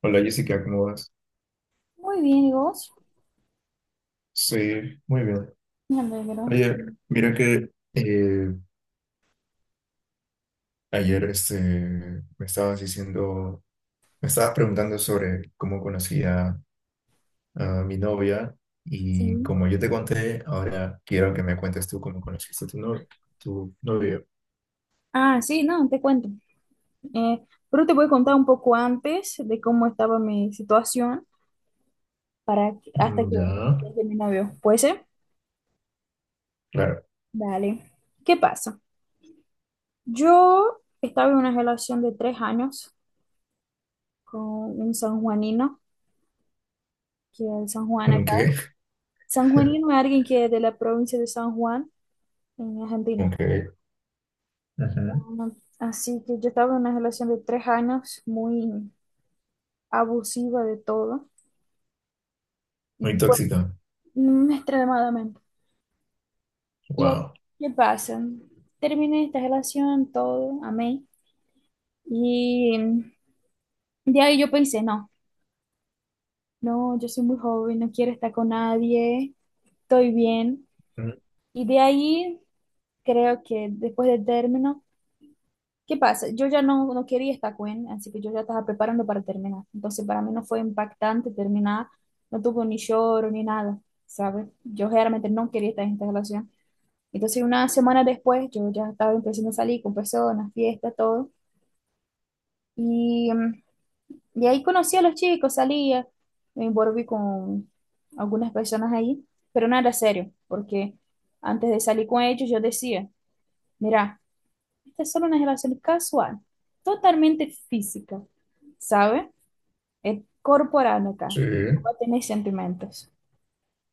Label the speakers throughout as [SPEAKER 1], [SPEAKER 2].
[SPEAKER 1] Hola Jessica, ¿cómo vas?
[SPEAKER 2] Muy bien, ¿y vos?
[SPEAKER 1] Sí, muy bien.
[SPEAKER 2] Me alegro,
[SPEAKER 1] Oye, mira que ayer me estabas diciendo, me estabas preguntando sobre cómo conocía a mi novia y
[SPEAKER 2] sí.
[SPEAKER 1] como yo te conté, ahora quiero que me cuentes tú cómo conociste a tu, no, tu novia.
[SPEAKER 2] Ah, sí, no, te cuento. Eh, pero te voy a contar un poco antes de cómo estaba mi situación hasta que
[SPEAKER 1] Mm, ya,
[SPEAKER 2] llegue mi novio. ¿Puede ser?
[SPEAKER 1] claro.
[SPEAKER 2] Dale. ¿Qué pasa? Yo estaba en una relación de tres años con un sanjuanino, que es de San Juan acá.
[SPEAKER 1] Ok,
[SPEAKER 2] Sanjuanino es alguien que es de la provincia de San Juan, en Argentina.
[SPEAKER 1] ok. Ajá.
[SPEAKER 2] Así que yo estaba en una relación de tres años muy abusiva de todo.
[SPEAKER 1] Muy
[SPEAKER 2] Y bueno,
[SPEAKER 1] tóxica.
[SPEAKER 2] mm, extremadamente. ¿Y ahí
[SPEAKER 1] Wow.
[SPEAKER 2] qué pasa? Terminé esta relación, todo, amé. Y de ahí yo pensé, no, no, yo soy muy joven, no quiero estar con nadie, estoy bien.
[SPEAKER 1] Mm,
[SPEAKER 2] Y de ahí creo que después del término, ¿qué pasa? Yo ya no quería estar con él, así que yo ya estaba preparando para terminar. Entonces para mí no fue impactante terminar, no tuvo ni lloro ni nada, ¿sabes? Yo realmente no quería estar en esta relación. Entonces, unas semanas después, yo ya estaba empezando a salir con personas, fiestas, todo. Y, y ahí conocí a los chicos, salía, me envolví con algunas personas ahí, pero no era serio, porque antes de salir con ellos yo decía, mira, esta es solo una relación casual, totalmente física, ¿sabe? Es corporal acá,
[SPEAKER 1] sí,
[SPEAKER 2] no va a tener sentimientos.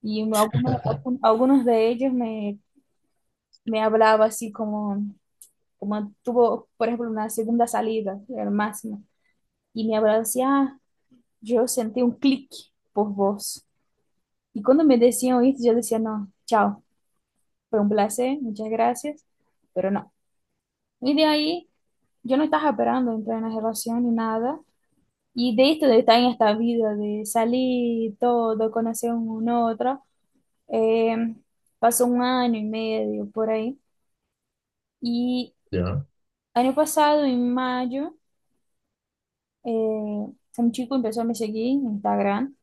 [SPEAKER 2] Y algunos de ellos me, me hablaba así como... Uma tuvo, por ejemplo, una segunda salida, el máximo. Y me hablaba así, ah, yo sentí un clic por vos. Y cuando me decían esto, yo decía, no, chao, fue un placer, muchas gracias, pero no. Y de ahí, yo no estaba esperando entrar en una relación ni nada. Y de esto de estar en esta vida, de salir todo, conocer uno otro, eh, pasó un año y medio por ahí. Y
[SPEAKER 1] ya.
[SPEAKER 2] año pasado, en mayo, eh, un chico empezó a me seguir en Instagram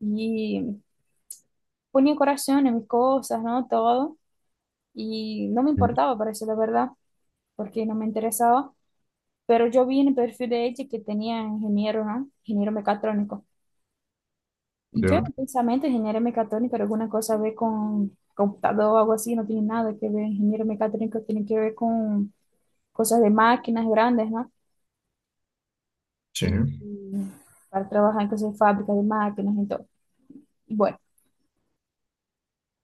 [SPEAKER 2] y ponía corazón en mis cosas, ¿no? Todo. Y no me
[SPEAKER 1] Mm,
[SPEAKER 2] importaba, parece la verdad, porque no me interesaba. Pero yo vi en el perfil de ella que tenía ingeniero, ¿no? Ingeniero mecatrónico. Y yo en
[SPEAKER 1] ya,
[SPEAKER 2] mi pensamiento, ingeniero mecatrónico, era alguna cosa ve con computador o algo así, no tiene nada que ver. Ingeniero mecatrónico tiene que ver con cosas de máquinas grandes, ¿no?
[SPEAKER 1] sí,
[SPEAKER 2] Y para trabajar en cosas de fábrica de máquinas y todo. Bueno.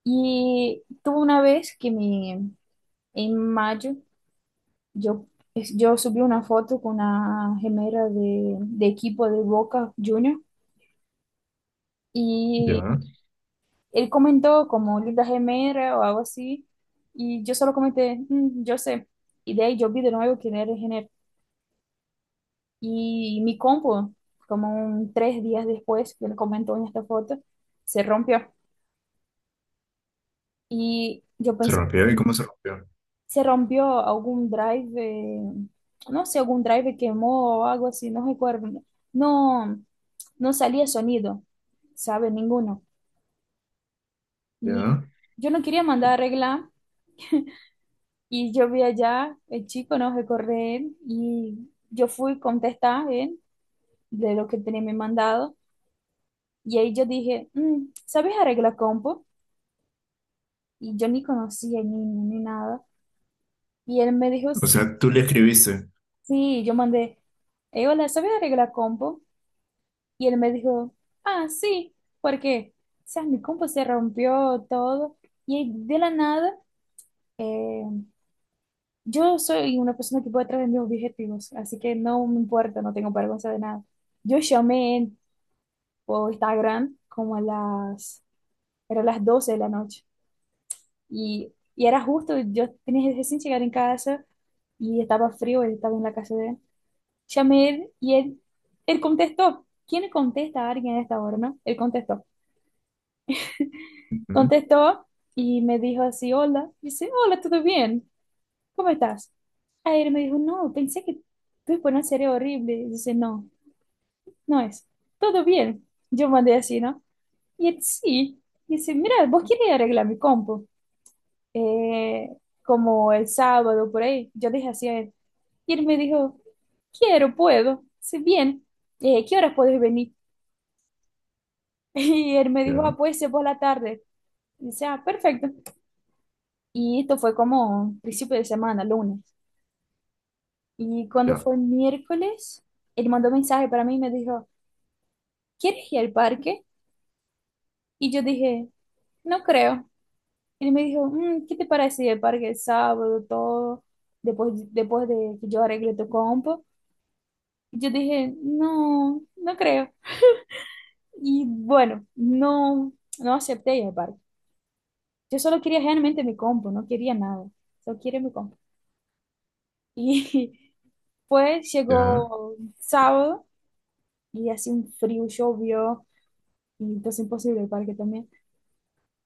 [SPEAKER 2] Y tuve una vez que me, en mayo yo, yo subí una foto con una gemera de equipo de Boca Junior y
[SPEAKER 1] ya.
[SPEAKER 2] él comentó como linda gemera o algo así y yo solo comenté, "Mm, yo sé". Y de ahí yo vi de nuevo quién era el género. Y mi compu, como un tres días después que él comentó en esta foto, se rompió. Y yo
[SPEAKER 1] Se
[SPEAKER 2] pensé,
[SPEAKER 1] rompió y cómo se rompió.
[SPEAKER 2] se rompió algún drive, no sé, algún drive quemó o algo así, no recuerdo. No, no salía sonido, ¿sabe? Ninguno. Y
[SPEAKER 1] Ya.
[SPEAKER 2] yo no quería mandar a arreglar y yo vi allá, el chico no recorre él y yo fui a contestar él de lo que tenía me mandado y ahí yo dije, "Mm, ¿sabes arreglar compo?" Y yo ni conocía ni nada. Y él me dijo,
[SPEAKER 1] O sea, tú le escribiste.
[SPEAKER 2] sí, yo mandé, hola, ¿sabes arreglar compo? Y él me dijo, ah, sí, porque, o sea, mi compu se rompió todo. Y de la nada, eh, yo soy una persona que puede traer mis objetivos, así que no me importa, no tengo vergüenza de nada. Yo llamé por Instagram como a las, era las 12 de la noche. Y era justo, yo tenía recién llegar en casa y estaba frío, él estaba en la casa de él. Llamé y él contestó. ¿Quién le contesta a alguien a esta hora, no? Él contestó.
[SPEAKER 1] Ujú,
[SPEAKER 2] Contestó y me dijo así, hola. Dice, hola, ¿todo bien? ¿Cómo estás? Ayer me dijo, no, pensé que tu exponencia era horrible. Dice, no, no es. Todo bien. Yo mandé así, ¿no? Y él, sí. Dice, mira, vos querés arreglar mi compu. eh, Como el sábado, por ahí. Yo dije así a él. Y él me dijo, quiero, puedo. Dice, bien. ¿Qué horas puedes venir? Y él me dijo, ah,
[SPEAKER 1] ya,
[SPEAKER 2] puede ser por la tarde. Dice, ah, perfecto. Y esto fue como principio de semana, lunes. Y cuando
[SPEAKER 1] ya,
[SPEAKER 2] fue miércoles, él mandó mensaje para mí y me dijo, ¿quieres ir al parque? Y yo dije, no creo. Él me dijo, "Mm, ¿qué te parece ir al parque el sábado, todo, después de que yo arregle tu compo?" Y yo dije, no, no creo. Y bueno, no, no acepté ir al parque. Yo solo quería realmente mi compo, no quería nada. Solo quería mi compo. Y pues
[SPEAKER 1] ya.
[SPEAKER 2] llegó sábado. Y hace un frio, llovió, y entonces imposible el parque también.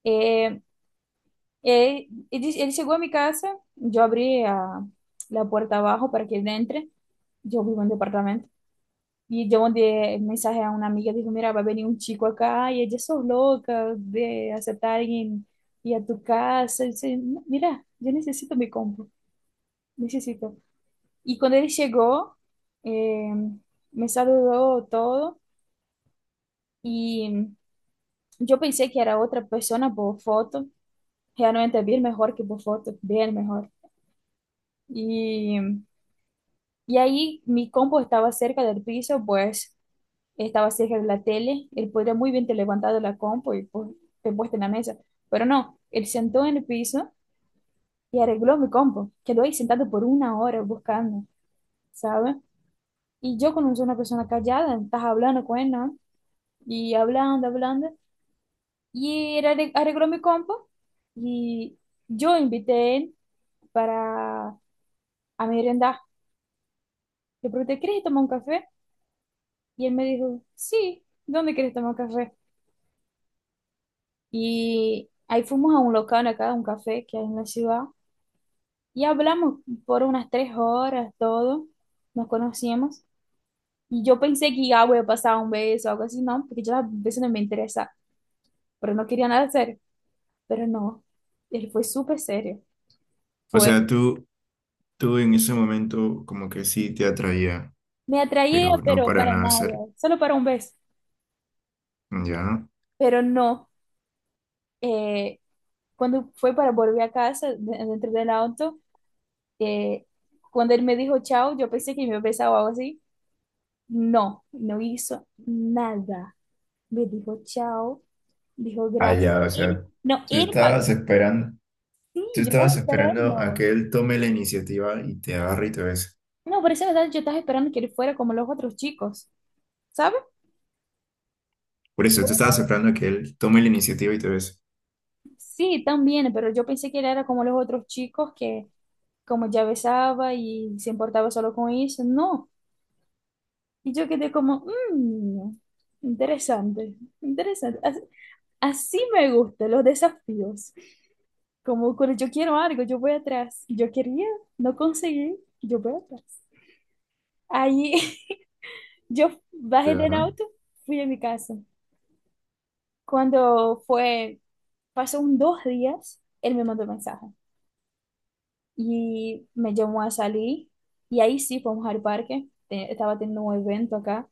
[SPEAKER 2] Eh, él llegó a mi casa, yo la puerta abajo para que él entre, yo vivo en departamento, y yo mandé el mensaje a una amiga, dijo, mira, va a venir un chico acá, y ella sos loca de aceptar a alguien y a tu casa, y dice, "No, mira, yo necesito mi compu, necesito". Y cuando él llegó, eh, me saludó todo, y... Yo pensei que era outra pessoa por foto, realmente vi melhor que por foto, bem melhor. E, e aí, mi compo estava cerca do piso, pues estava cerca da tele, ele poderia muito bem ter levantado a compo e te puesto na mesa, pero não, ele sentou no piso e arreglou mi compo, quedou aí sentado por uma hora buscando, sabe? E eu, como sou uma pessoa callada, estava falando com ele, não? E hablando, hablando, e ele arreglou mi compo y yo invité para a merienda. Le pregunté, ¿quieres tomar un café? Y él me dijo, sí, ¿dónde quieres tomar café? Y ahí fuimos a un local acá, un café que hay en la ciudad, y hablamos por unas tres horas, todo, nos conocíamos. Y yo pensé que ya voy a pasar un beso o algo así, no, porque yo las veces no me interesa, pero no quería nada serio, pero no, él fue súper serio,
[SPEAKER 1] O
[SPEAKER 2] fue,
[SPEAKER 1] sea, tú en ese momento como que sí te atraía,
[SPEAKER 2] me atraía,
[SPEAKER 1] pero no
[SPEAKER 2] pero
[SPEAKER 1] para
[SPEAKER 2] para
[SPEAKER 1] nada ser.
[SPEAKER 2] nada, solo para un beso,
[SPEAKER 1] Ya.
[SPEAKER 2] pero no. eh, Cuando fue para volver a casa, dentro del auto, eh, cuando él me dijo chao, yo pensé que me besaba o algo así. No, no hizo nada. Me dijo chao, dijo
[SPEAKER 1] Ah,
[SPEAKER 2] gracias.
[SPEAKER 1] ya, o sea,
[SPEAKER 2] No,
[SPEAKER 1] tú
[SPEAKER 2] él pagó.
[SPEAKER 1] estabas esperando,
[SPEAKER 2] Sí,
[SPEAKER 1] tú
[SPEAKER 2] yo estaba
[SPEAKER 1] estabas esperando a
[SPEAKER 2] esperando.
[SPEAKER 1] que él tome la iniciativa y te agarre y te bese.
[SPEAKER 2] No, por esa verdad, yo estaba esperando que él fuera como los otros chicos, ¿sabes?
[SPEAKER 1] Por eso, tú estabas esperando a que él tome la iniciativa y te bese.
[SPEAKER 2] Sí, también, pero yo pensé que él era como los otros chicos que como ya besaba y se importaba solo con eso. No. Y yo quedé como, "Mm, interesante, interesante. Así, me gustan los desafíos". Como cuando yo quiero algo, yo voy atrás. Yo quería, no conseguí, yo voy atrás. Ahí yo bajé del
[SPEAKER 1] Ya.
[SPEAKER 2] auto, fui a mi casa. Cuando fue, pasó un dos días, él me mandó mensaje y me llamó a salir. Y ahí sí, fuimos al parque. Estaba teniendo un evento acá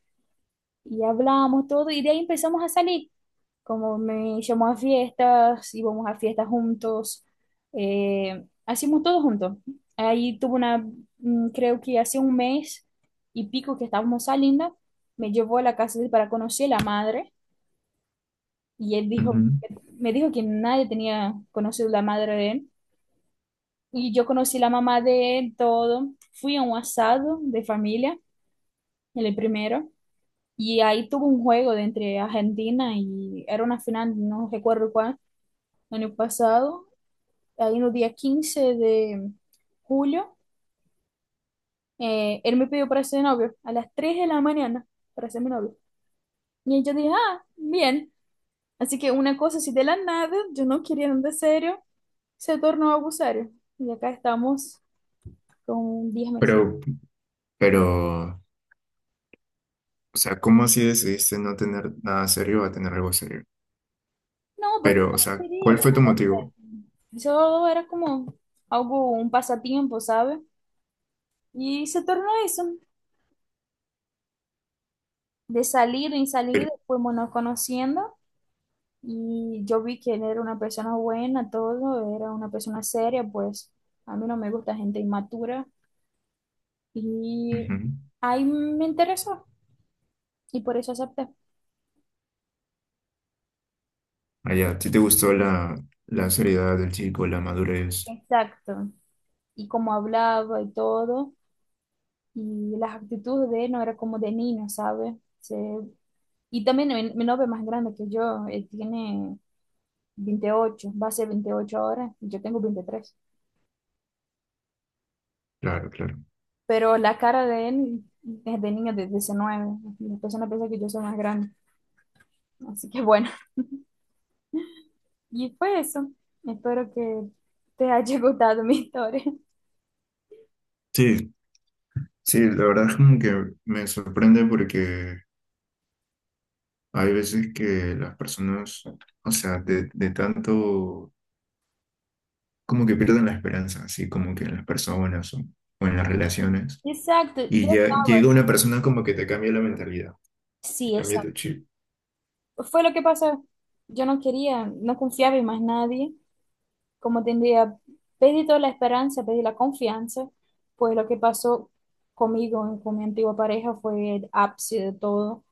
[SPEAKER 2] y hablamos todo y de ahí empezamos a salir. Como me llamó a fiestas, íbamos a fiestas juntos, hacíamos todo juntos. Ahí tuvo una, mm, creo que hace un mes y pico que estábamos saliendo, me llevó a la casa de él para conocer la madre y él dijo,
[SPEAKER 1] Ujú.
[SPEAKER 2] me dijo que nadie tenía conocido la madre de él. Y yo conocí la mamá de él, todo. Fui a un asado de familia, el primero. Y ahí tuvo un juego de entre Argentina y era una final, no recuerdo cuál, el año pasado. Ahí en el día 15 de julio, él me pidió para ser novio a las 3 de la mañana para ser mi novio. Y yo dije, ah, bien. Así que una cosa así de la nada, yo no quería nada serio, se tornó abusario. Y acá estamos con diez meses.
[SPEAKER 1] Pero, pero, o sea, ¿cómo así decidiste no tener nada serio a tener algo serio?
[SPEAKER 2] No, porque
[SPEAKER 1] Pero,
[SPEAKER 2] yo
[SPEAKER 1] o
[SPEAKER 2] no
[SPEAKER 1] sea,
[SPEAKER 2] quería
[SPEAKER 1] ¿cuál
[SPEAKER 2] nada
[SPEAKER 1] fue tu motivo?
[SPEAKER 2] serio. Eso era como algo, un pasatiempo, ¿sabes? Y se tornó eso. De salir y salir, fuimos nos conociendo y yo vi que él era una persona buena, todo, era una persona seria, pues a mí no me gusta gente inmatura y
[SPEAKER 1] Ujú.
[SPEAKER 2] ahí me interesó y por eso acepté.
[SPEAKER 1] Ah, ya, ¿a ti te gustó la, la seriedad del chico, la madurez?
[SPEAKER 2] Exacto. Y como hablaba y todo, y las actitudes de él no era como de niño, ¿sabes? Y también mi novio es más grande que yo, él tiene 28 va a ser 28 ahora y yo tengo veintitrés.
[SPEAKER 1] Claro, claro.
[SPEAKER 2] Pero la cara de él es de niño de diecinueve. La persona piensa que yo soy más grande. Así que bueno, y fue eso. Espero que te haya gustado mi historia.
[SPEAKER 1] Sí, sí, la verdad es como que me sorprende porque hay veces que las personas, o sea, de tanto, como que pierden la esperanza, así como que en las personas o en las relaciones.
[SPEAKER 2] Exacto, yo
[SPEAKER 1] Y ya
[SPEAKER 2] estaba
[SPEAKER 1] llega
[SPEAKER 2] así.
[SPEAKER 1] una persona como que te cambia la mentalidad, te
[SPEAKER 2] Sí,
[SPEAKER 1] cambia tu
[SPEAKER 2] exacto.
[SPEAKER 1] chip.
[SPEAKER 2] Fue lo que pasó. Yo no quería, no confiaba en más nadie. Como tendría, pedí toda la esperanza, pedí la confianza. Pues lo que pasó conmigo, con mi antigua pareja, fue el ápice de todo.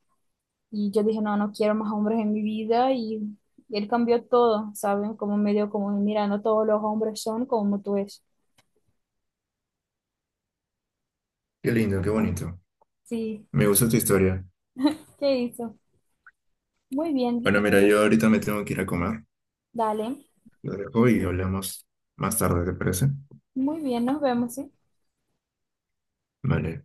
[SPEAKER 2] Y yo dije, no, no quiero más hombres en mi vida y él cambió todo, ¿saben? Como medio como, mira, no todos los hombres son como tú es.
[SPEAKER 1] Qué lindo, qué bonito.
[SPEAKER 2] Sí,
[SPEAKER 1] Me gusta tu historia.
[SPEAKER 2] ¿qué hizo? Muy bien,
[SPEAKER 1] Bueno, mira, yo ahorita me tengo que ir a comer.
[SPEAKER 2] dale,
[SPEAKER 1] Lo dejo y hablamos más tarde, ¿te parece?
[SPEAKER 2] muy bien, nos vemos, ¿sí?
[SPEAKER 1] Vale.